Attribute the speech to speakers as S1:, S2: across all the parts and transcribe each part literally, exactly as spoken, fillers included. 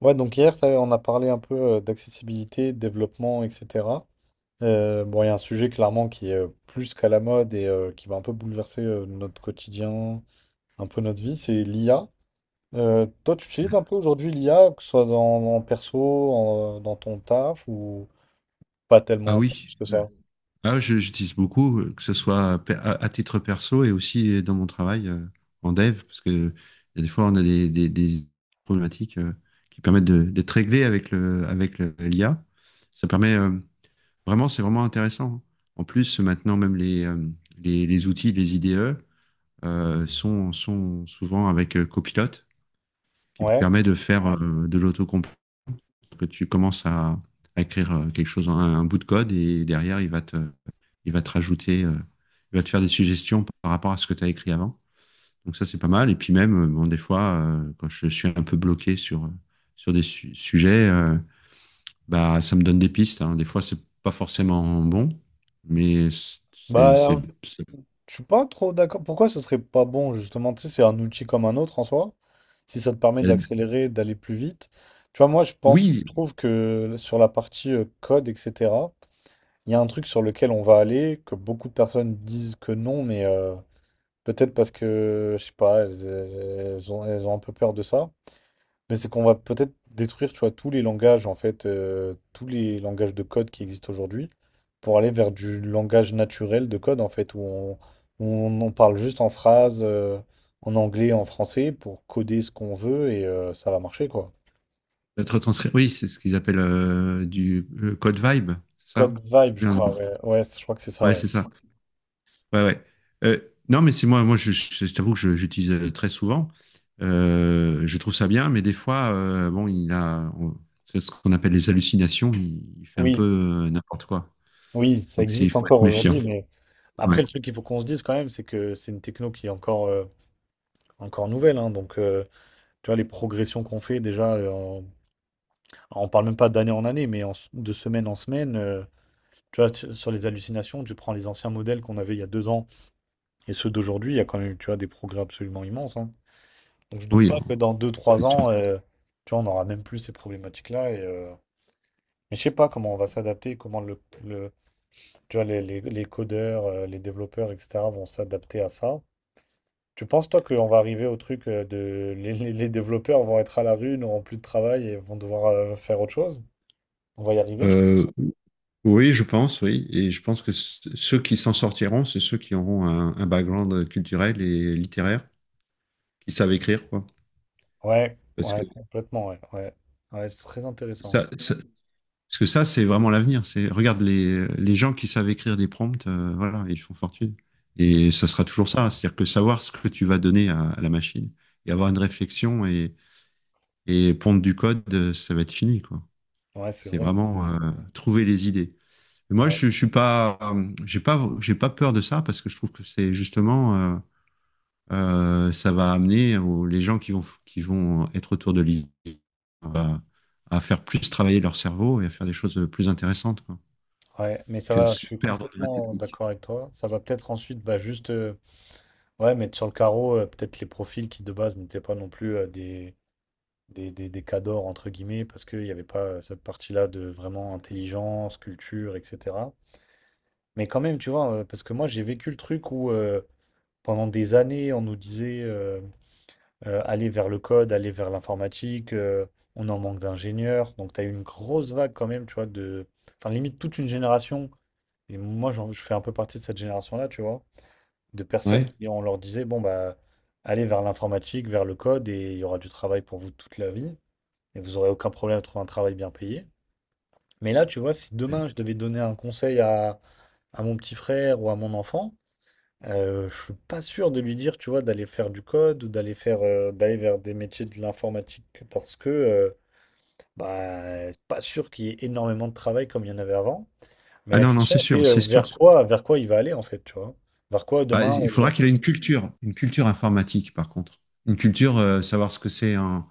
S1: Ouais, donc hier, ça, on a parlé un peu euh, d'accessibilité, de développement, et cetera. Euh, bon, il y a un sujet clairement qui est euh, plus qu'à la mode et euh, qui va un peu bouleverser euh, notre quotidien, un peu notre vie, c'est l'I A. Euh, toi, tu utilises un peu aujourd'hui l'I A, que ce soit dans, en perso, en- dans ton taf, ou pas
S2: Ah
S1: tellement, pas
S2: oui.
S1: plus que
S2: Mm.
S1: ça?
S2: Ah, je- j'utilise beaucoup, euh, que ce soit pe- à, à titre perso et aussi euh, dans mon travail, euh, en dev, parce que il y a des fois, on a des, des- des problématiques euh, qui permettent de- d'être réglées avec le, avec le- l'I A. Ça permet euh, vraiment, c'est vraiment intéressant. En plus, maintenant, même les, euh, les, les outils, les I D E, euh, sont, sont souvent avec euh, Copilot, qui
S1: Ouais.
S2: permet de faire euh, de l'autocomplete, que tu commences à, à écrire euh, quelque chose, un, un bout de code, et derrière, il va te il va te rajouter, euh, il va te faire des suggestions par rapport à ce que tu as écrit avant. Donc ça, c'est pas mal. Et puis même, euh, bon, des fois, euh, quand je suis un peu bloqué sur, euh, sur des su- sujets, euh, bah, ça me donne des pistes, hein. Des fois, c'est pas forcément bon, mais c'est, c'est,
S1: Bah,
S2: ça
S1: Je suis pas trop d'accord. Pourquoi ce serait pas bon, justement? Tu sais, c'est un outil comme un autre en soi. Si ça te permet
S2: aide.
S1: d'accélérer, d'aller plus vite. Tu vois, moi, je pense, je
S2: Oui,
S1: trouve que sur la partie euh, code, et cetera, il y a un truc sur lequel on va aller, que beaucoup de personnes disent que non, mais euh, peut-être parce que, je sais pas, elles, elles ont, elles ont un peu peur de ça. Mais c'est qu'on va peut-être détruire, tu vois, tous les langages, en fait, euh, tous les langages de code qui existent aujourd'hui, pour aller vers du langage naturel de code, en fait, où on, où on, on parle juste en phrases, euh, en anglais, en français, pour coder ce qu'on veut, et euh, ça va marcher, quoi.
S2: être retranscrit. Oui, c'est ce qu'ils appellent, euh, du le code vibe, c'est ça?
S1: Code
S2: Je sais
S1: Vibe, je
S2: plus un nom.
S1: crois, ouais. Ouais, je crois que c'est ça,
S2: Ouais,
S1: ouais.
S2: c'est ça. Ouais, ouais. Euh, non, mais c'est moi, moi, je, je- je t'avoue que je- j'utilise euh, très souvent. Euh, je trouve ça bien, mais des fois, euh, bon, il a, on- c'est ce qu'on appelle les hallucinations. Il, il fait un peu
S1: Oui,
S2: euh, n'importe quoi.
S1: oui, ça
S2: Donc, c'est- il
S1: existe
S2: faut être
S1: encore
S2: méfiant.
S1: aujourd'hui, mais
S2: Ouais.
S1: après, le truc qu'il faut qu'on se dise quand même, c'est que c'est une techno qui est encore, euh, encore nouvelle, hein, donc, euh, tu vois, les progressions qu'on fait déjà euh, en on parle même pas d'année en année, mais en s- de semaine en semaine. Euh, tu vois, tu- sur les hallucinations, tu prends les anciens modèles qu'on avait il y a deux ans et ceux d'aujourd'hui, il y a quand même, tu vois, des progrès absolument immenses, hein. Donc je doute
S2: Oui,
S1: pas que dans deux,
S2: c'est
S1: trois
S2: sûr.
S1: ans, euh, tu vois, on n'aura même plus ces problématiques-là. Et, euh, mais je sais pas comment on va s'adapter, comment le, le- tu vois, les, les- les codeurs, euh, les développeurs, et cetera vont s'adapter à ça. Tu penses, toi, qu'on va arriver au truc euh, de... Les, les- les développeurs vont être à la rue, n'auront plus de travail et vont devoir euh, faire autre chose? On va y arriver, tu
S2: Euh, oui, je pense, oui. Et je pense que c- ceux qui s'en sortiront, c'est ceux qui auront un, un background culturel et littéraire, qui savent écrire, quoi.
S1: ouais,
S2: Parce
S1: ouais,
S2: que
S1: complètement, ouais, ouais. Ouais, c'est très intéressant.
S2: ça, ça, Parce que ça, c'est vraiment l'avenir. C'est regarde les, les gens qui savent écrire des prompts, euh, voilà, ils font fortune. Et ça sera toujours ça, c'est-à-dire que savoir ce que tu vas donner à, à la machine et avoir une réflexion et, et pondre du code, euh, ça va être fini, quoi.
S1: Ouais, c'est
S2: C'est
S1: vrai.
S2: vraiment euh, trouver les idées. Et moi,
S1: Ouais,
S2: je, je suis pas, euh, j'ai pas, j'ai pas peur de ça parce que je trouve que c'est justement, euh, euh, ça va amener aux- les gens qui vont, qui vont être autour de l'île à, à faire plus travailler leur cerveau et à faire des choses plus intéressantes, quoi.
S1: ouais, mais ça
S2: Que de
S1: va, je
S2: se
S1: suis
S2: perdre.
S1: complètement d'accord avec toi. Ça va peut-être ensuite, bah, juste, euh, ouais, mettre sur le carreau, euh, peut-être les profils qui de base n'étaient pas non plus euh, des, des, des, des cadors, entre guillemets, parce qu'il n'y avait pas euh, cette partie-là de vraiment intelligence, culture, et cetera. Mais quand même, tu vois, euh, parce que moi, j'ai vécu le truc où euh, pendant des années, on nous disait, euh, euh, aller vers le code, aller vers l'informatique, euh, on en manque d'ingénieurs. Donc, tu as eu une grosse vague quand même, tu vois, de... Enfin, limite toute une génération. Et moi, j'en- je fais un peu partie de cette génération-là, tu vois, de personnes
S2: Ouais.
S1: qui, on leur disait, bon, bah, allez vers l'informatique, vers le code, et il y aura du travail pour vous toute la vie. Et vous aurez aucun problème à trouver un travail bien payé. Mais là, tu vois, si demain, je devais donner un conseil à à mon petit frère ou à mon enfant, euh, je suis pas sûr de lui dire, tu vois, d'aller faire du code ou d'aller faire euh, d'aller vers des métiers de l'informatique parce que euh, bah c'est pas sûr qu'il y ait énormément de travail comme il y en avait avant. Mais
S2: Ah
S1: la
S2: non, non,
S1: question
S2: c'est
S1: c'est
S2: sûr,
S1: euh,
S2: c'est sûr.
S1: vers quoi vers quoi il va aller en fait, tu vois. Vers quoi
S2: Bah,
S1: demain
S2: il
S1: euh,
S2: faudra
S1: genre-
S2: qu'il ait une culture, une culture informatique, par contre. Une culture, euh, savoir ce que c'est un,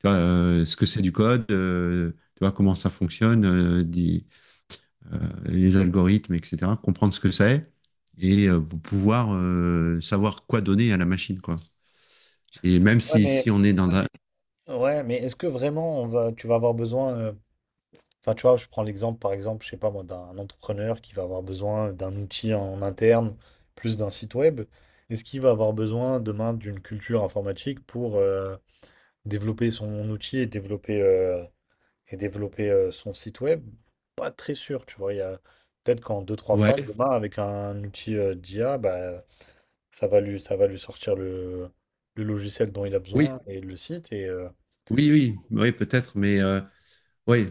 S2: tu vois, euh, ce que c'est du code, euh, tu vois, comment ça fonctionne, euh, des- euh, les algorithmes, et cetera. Comprendre ce que c'est et euh, pour pouvoir euh, savoir quoi donner à la machine, quoi. Et même
S1: ouais
S2: si,
S1: mais
S2: si on est dans un…
S1: ouais mais est-ce que vraiment on va tu vas avoir besoin euh, enfin tu vois, je prends l'exemple par exemple, je sais pas moi d'un entrepreneur qui va avoir besoin d'un outil en interne plus d'un site web. Est-ce qu'il va avoir besoin demain d'une culture informatique pour euh, développer son outil et développer, heu et développer, heu, son site web? Pas très sûr, tu vois? Il y a peut-être qu'en deux trois phrases,
S2: Ouais,
S1: demain, avec un outil, heu, d'I A, bah, ça va lui ça va lui sortir le le logiciel dont il a
S2: oui,
S1: besoin et le site et heu,
S2: oui, oui, oui, peut-être, mais euh, oui,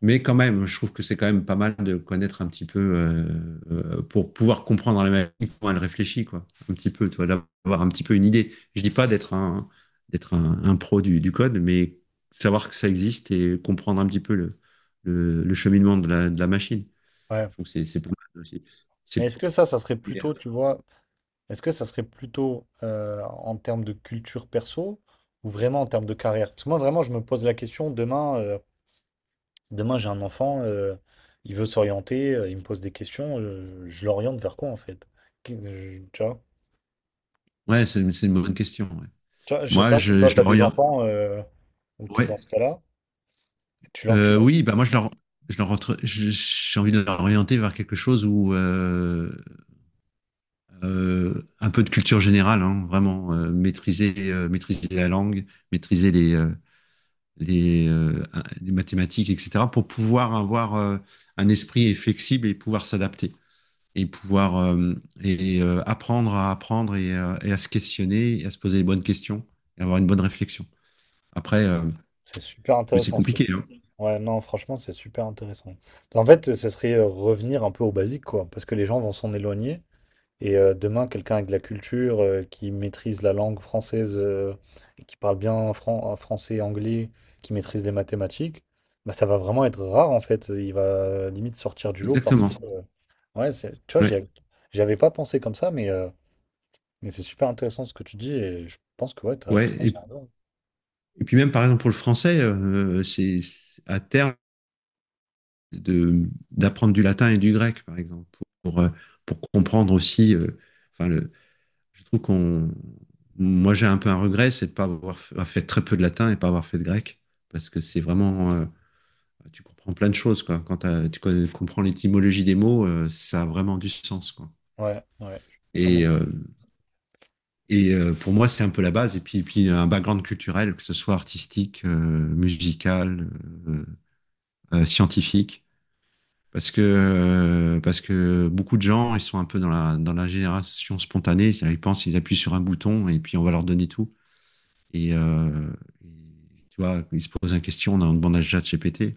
S2: mais quand même, je trouve que c'est quand même pas mal de connaître un petit peu, euh, euh, pour pouvoir comprendre la machine, comment elle réfléchit, quoi. Un petit peu, tu vois, d'avoir un petit peu une idée. Je dis pas d'être un, d'être un, un pro du, du code, mais savoir que ça existe et comprendre un petit peu le, le, le cheminement de la, de la machine.
S1: ouais.
S2: Je trouve que c'est, c'est pas mal aussi.
S1: Mais
S2: C'est,
S1: est-ce que ça, ça serait plutôt, tu vois? Est-ce que ça serait plutôt, heu, en termes de culture perso ou vraiment en termes de carrière? Parce que moi, vraiment, je me pose la question demain, heu demain, j'ai un enfant, euh, il veut s'orienter, euh, il me pose des questions, euh, je l'oriente vers quoi en fait? Qui- je- Tu vois?
S2: ouais, c'est, c'est une bonne question. Ouais.
S1: Tu vois, je sais
S2: Moi,
S1: pas si
S2: je,
S1: toi,
S2: je
S1: tu as des
S2: l'oriente.
S1: enfants euh, ou tu es
S2: Ouais.
S1: dans ce cas-là. Tu leur, tu
S2: Euh,
S1: leur-
S2: oui, bah moi, je l'or- je l'or- je- j'ai envie de l'orienter vers quelque chose où, euh, euh, un peu de culture générale, hein, vraiment euh, maîtriser, euh, maîtriser la langue, maîtriser les, euh, les, euh, les mathématiques, et cetera, pour pouvoir avoir euh, un esprit flexible et pouvoir s'adapter et pouvoir euh, et, euh, apprendre à apprendre et, euh, et à se questionner, et à se poser les bonnes questions et avoir une bonne réflexion. Après, euh,
S1: C'est super
S2: mais c'est
S1: intéressant, ce que
S2: compliqué,
S1: tu...
S2: hein.
S1: Ouais, non, franchement, c'est super intéressant. En fait, ce serait euh, revenir un peu au basique, quoi, parce que les gens vont s'en éloigner. Et euh, demain, quelqu'un avec de la culture, euh, qui maîtrise la langue française, euh, et qui parle bien fran- euh, français, anglais, qui maîtrise les mathématiques, bah, ça va vraiment être rare en fait. Il va euh, limite sortir du lot parce
S2: Exactement.
S1: que, euh, ouais, c'est- tu vois,
S2: Ouais.
S1: j'y av- j'y avais pas pensé comme ça, mais, euh, mais c'est super intéressant ce que tu dis et je pense que ouais, t'as
S2: Ouais. Et,
S1: totalement raison.
S2: et puis même par exemple pour le français, euh, c'est à terme de, d'apprendre du latin et du grec, par exemple, pour, euh, pour comprendre aussi. Euh, enfin, le, je trouve qu'on. Moi, j'ai un peu un regret, c'est de ne pas avoir fait, avoir fait, très peu de latin et de pas avoir fait de grec, parce que c'est vraiment. Euh, tu comprends plein de choses, quoi. Quand tu comprends l'étymologie des mots, euh, ça a vraiment du sens, quoi.
S1: Ouais, ouais, totalement.
S2: Et, euh, et euh, pour moi, c'est un peu la base. Et puis, et puis, un background culturel, que ce soit artistique, euh, musical, euh, euh, scientifique. Parce que, euh, parce que beaucoup de gens, ils sont un peu dans la, dans la génération spontanée. C'est-à-dire, ils pensent, ils appuient sur un bouton et puis on va leur donner tout. Et, euh, et, Tu vois, ils se posent une question, on en demande à ChatGPT.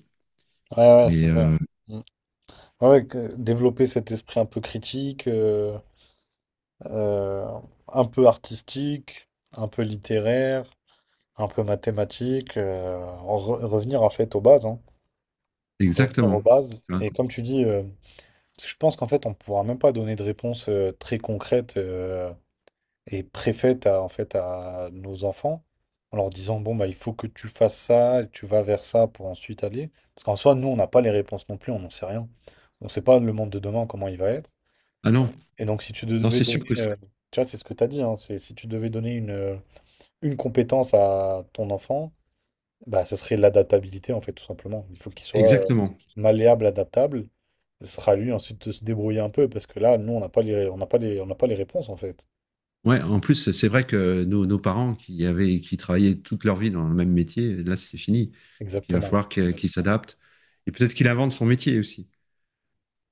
S1: Ouais, ouais, c'est
S2: Mais
S1: vrai.
S2: euh,
S1: Mm. Ouais, que- développer cet esprit un peu critique, euh, euh, un peu artistique, un peu littéraire, un peu mathématiques, euh, en re- revenir en fait aux bases, hein. Revenir
S2: exactement.
S1: aux bases.
S2: Tu vois.
S1: Et comme tu dis, euh, je pense qu'en fait, on ne pourra même pas donner de réponse euh, très concrète euh, et préfète à, en fait, à nos enfants en leur disant, bon, bah, il faut que tu fasses ça, tu vas vers ça pour ensuite aller. Parce qu'en soi, nous, on n'a pas les réponses non plus, on n'en sait rien. On ne sait pas le monde de demain, comment il va être.
S2: Ah non,
S1: Et donc, si tu
S2: non,
S1: devais
S2: c'est sûr
S1: donner,
S2: que c'est-
S1: euh, tu vois, c'est ce que tu as dit, hein, c'est si tu devais donner une, euh, une compétence à ton enfant, bah, ça serait l'adaptabilité, en fait, tout simplement. Il faut qu'il soit euh,
S2: exactement.
S1: malléable, adaptable. Ce sera à lui ensuite de se débrouiller un peu, parce que là, nous, on n'a pas les, on n'a pas les, on n'a pas les réponses, en fait.
S2: Ouais, en plus, c'est vrai que nos, nos parents qui avaient, qui travaillaient toute leur vie dans le même métier, là, c'est fini. Il va
S1: Exactement.
S2: falloir que- qu'ils s'adaptent. Et peut-être qu'il invente son métier aussi.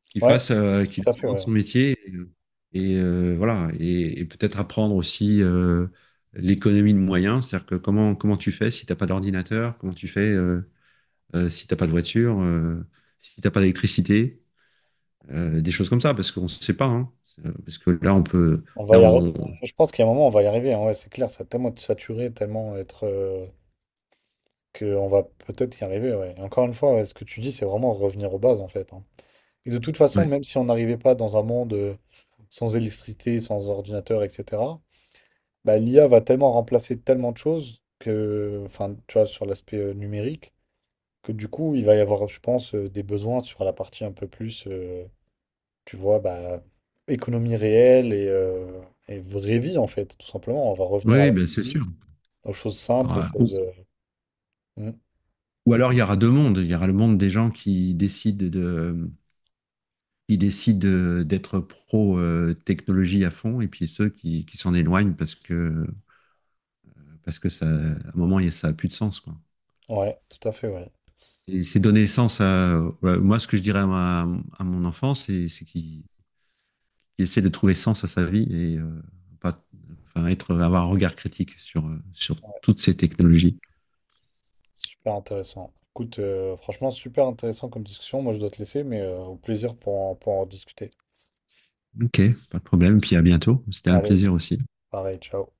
S2: Qu'il
S1: Ouais,
S2: fasse, euh, qu'il
S1: tout à fait,
S2: apprenne
S1: ouais.
S2: son métier et, euh, et, euh, voilà, et, et peut-être apprendre aussi euh, l'économie de moyens, c'est-à-dire que comment comment tu fais si t'as pas d'ordinateur, comment tu fais, euh, euh, si t'as pas de voiture, euh, si t'as pas d'électricité, euh, des choses comme ça, parce qu'on ne sait pas, hein. C'est- euh, parce que là on peut,
S1: On va y
S2: là
S1: arri-
S2: on,
S1: Je pense qu'à un moment, on va y arriver, hein. Ouais, c'est clair, ça va tellement être saturé, tellement être... euh, que on va peut-être y arriver, ouais. Et encore une fois, ouais, ce que tu dis, c'est vraiment revenir aux bases, en fait, hein. Et de toute façon,
S2: ouais.
S1: même si on n'arrivait pas dans un monde euh, sans électricité, sans ordinateur, et cetera, bah, l'I A va tellement remplacer tellement de choses que, enfin, tu vois, sur l'aspect euh, numérique, que du coup, il va y avoir, je pense, euh, des besoins sur la partie un peu plus, euh, tu vois, bah, économie réelle et, euh, et vraie vie, en fait, tout simplement. On va
S2: Oui,
S1: revenir à
S2: oui,
S1: la
S2: ben c'est
S1: vie,
S2: sûr.
S1: aux choses simples, aux
S2: Alors, euh, ou,
S1: choses. euh, Mm.
S2: ou alors il y aura deux mondes, il y aura le monde des gens qui décident de qui décident euh, d'être pro euh, technologie à fond et puis ceux qui, qui s'en éloignent parce que, parce que ça, à un moment, il y a- ça a plus de sens, quoi.
S1: Ouais, tout à fait, ouais.
S2: Et c'est donner sens à, voilà, moi, ce que je dirais à, ma- à mon enfant, c'est, c'est qu'il, qu'il essaie de trouver sens à sa vie et euh, pas, enfin, être, avoir un regard critique sur, euh, sur toutes ces technologies.
S1: Super intéressant. Écoute, euh, franchement, super intéressant comme discussion. Moi, je dois te laisser, mais euh, au plaisir pour en- pour en discuter.
S2: Ok, pas de problème. Puis à bientôt. C'était un
S1: Allez,
S2: plaisir aussi.
S1: pareil, ciao.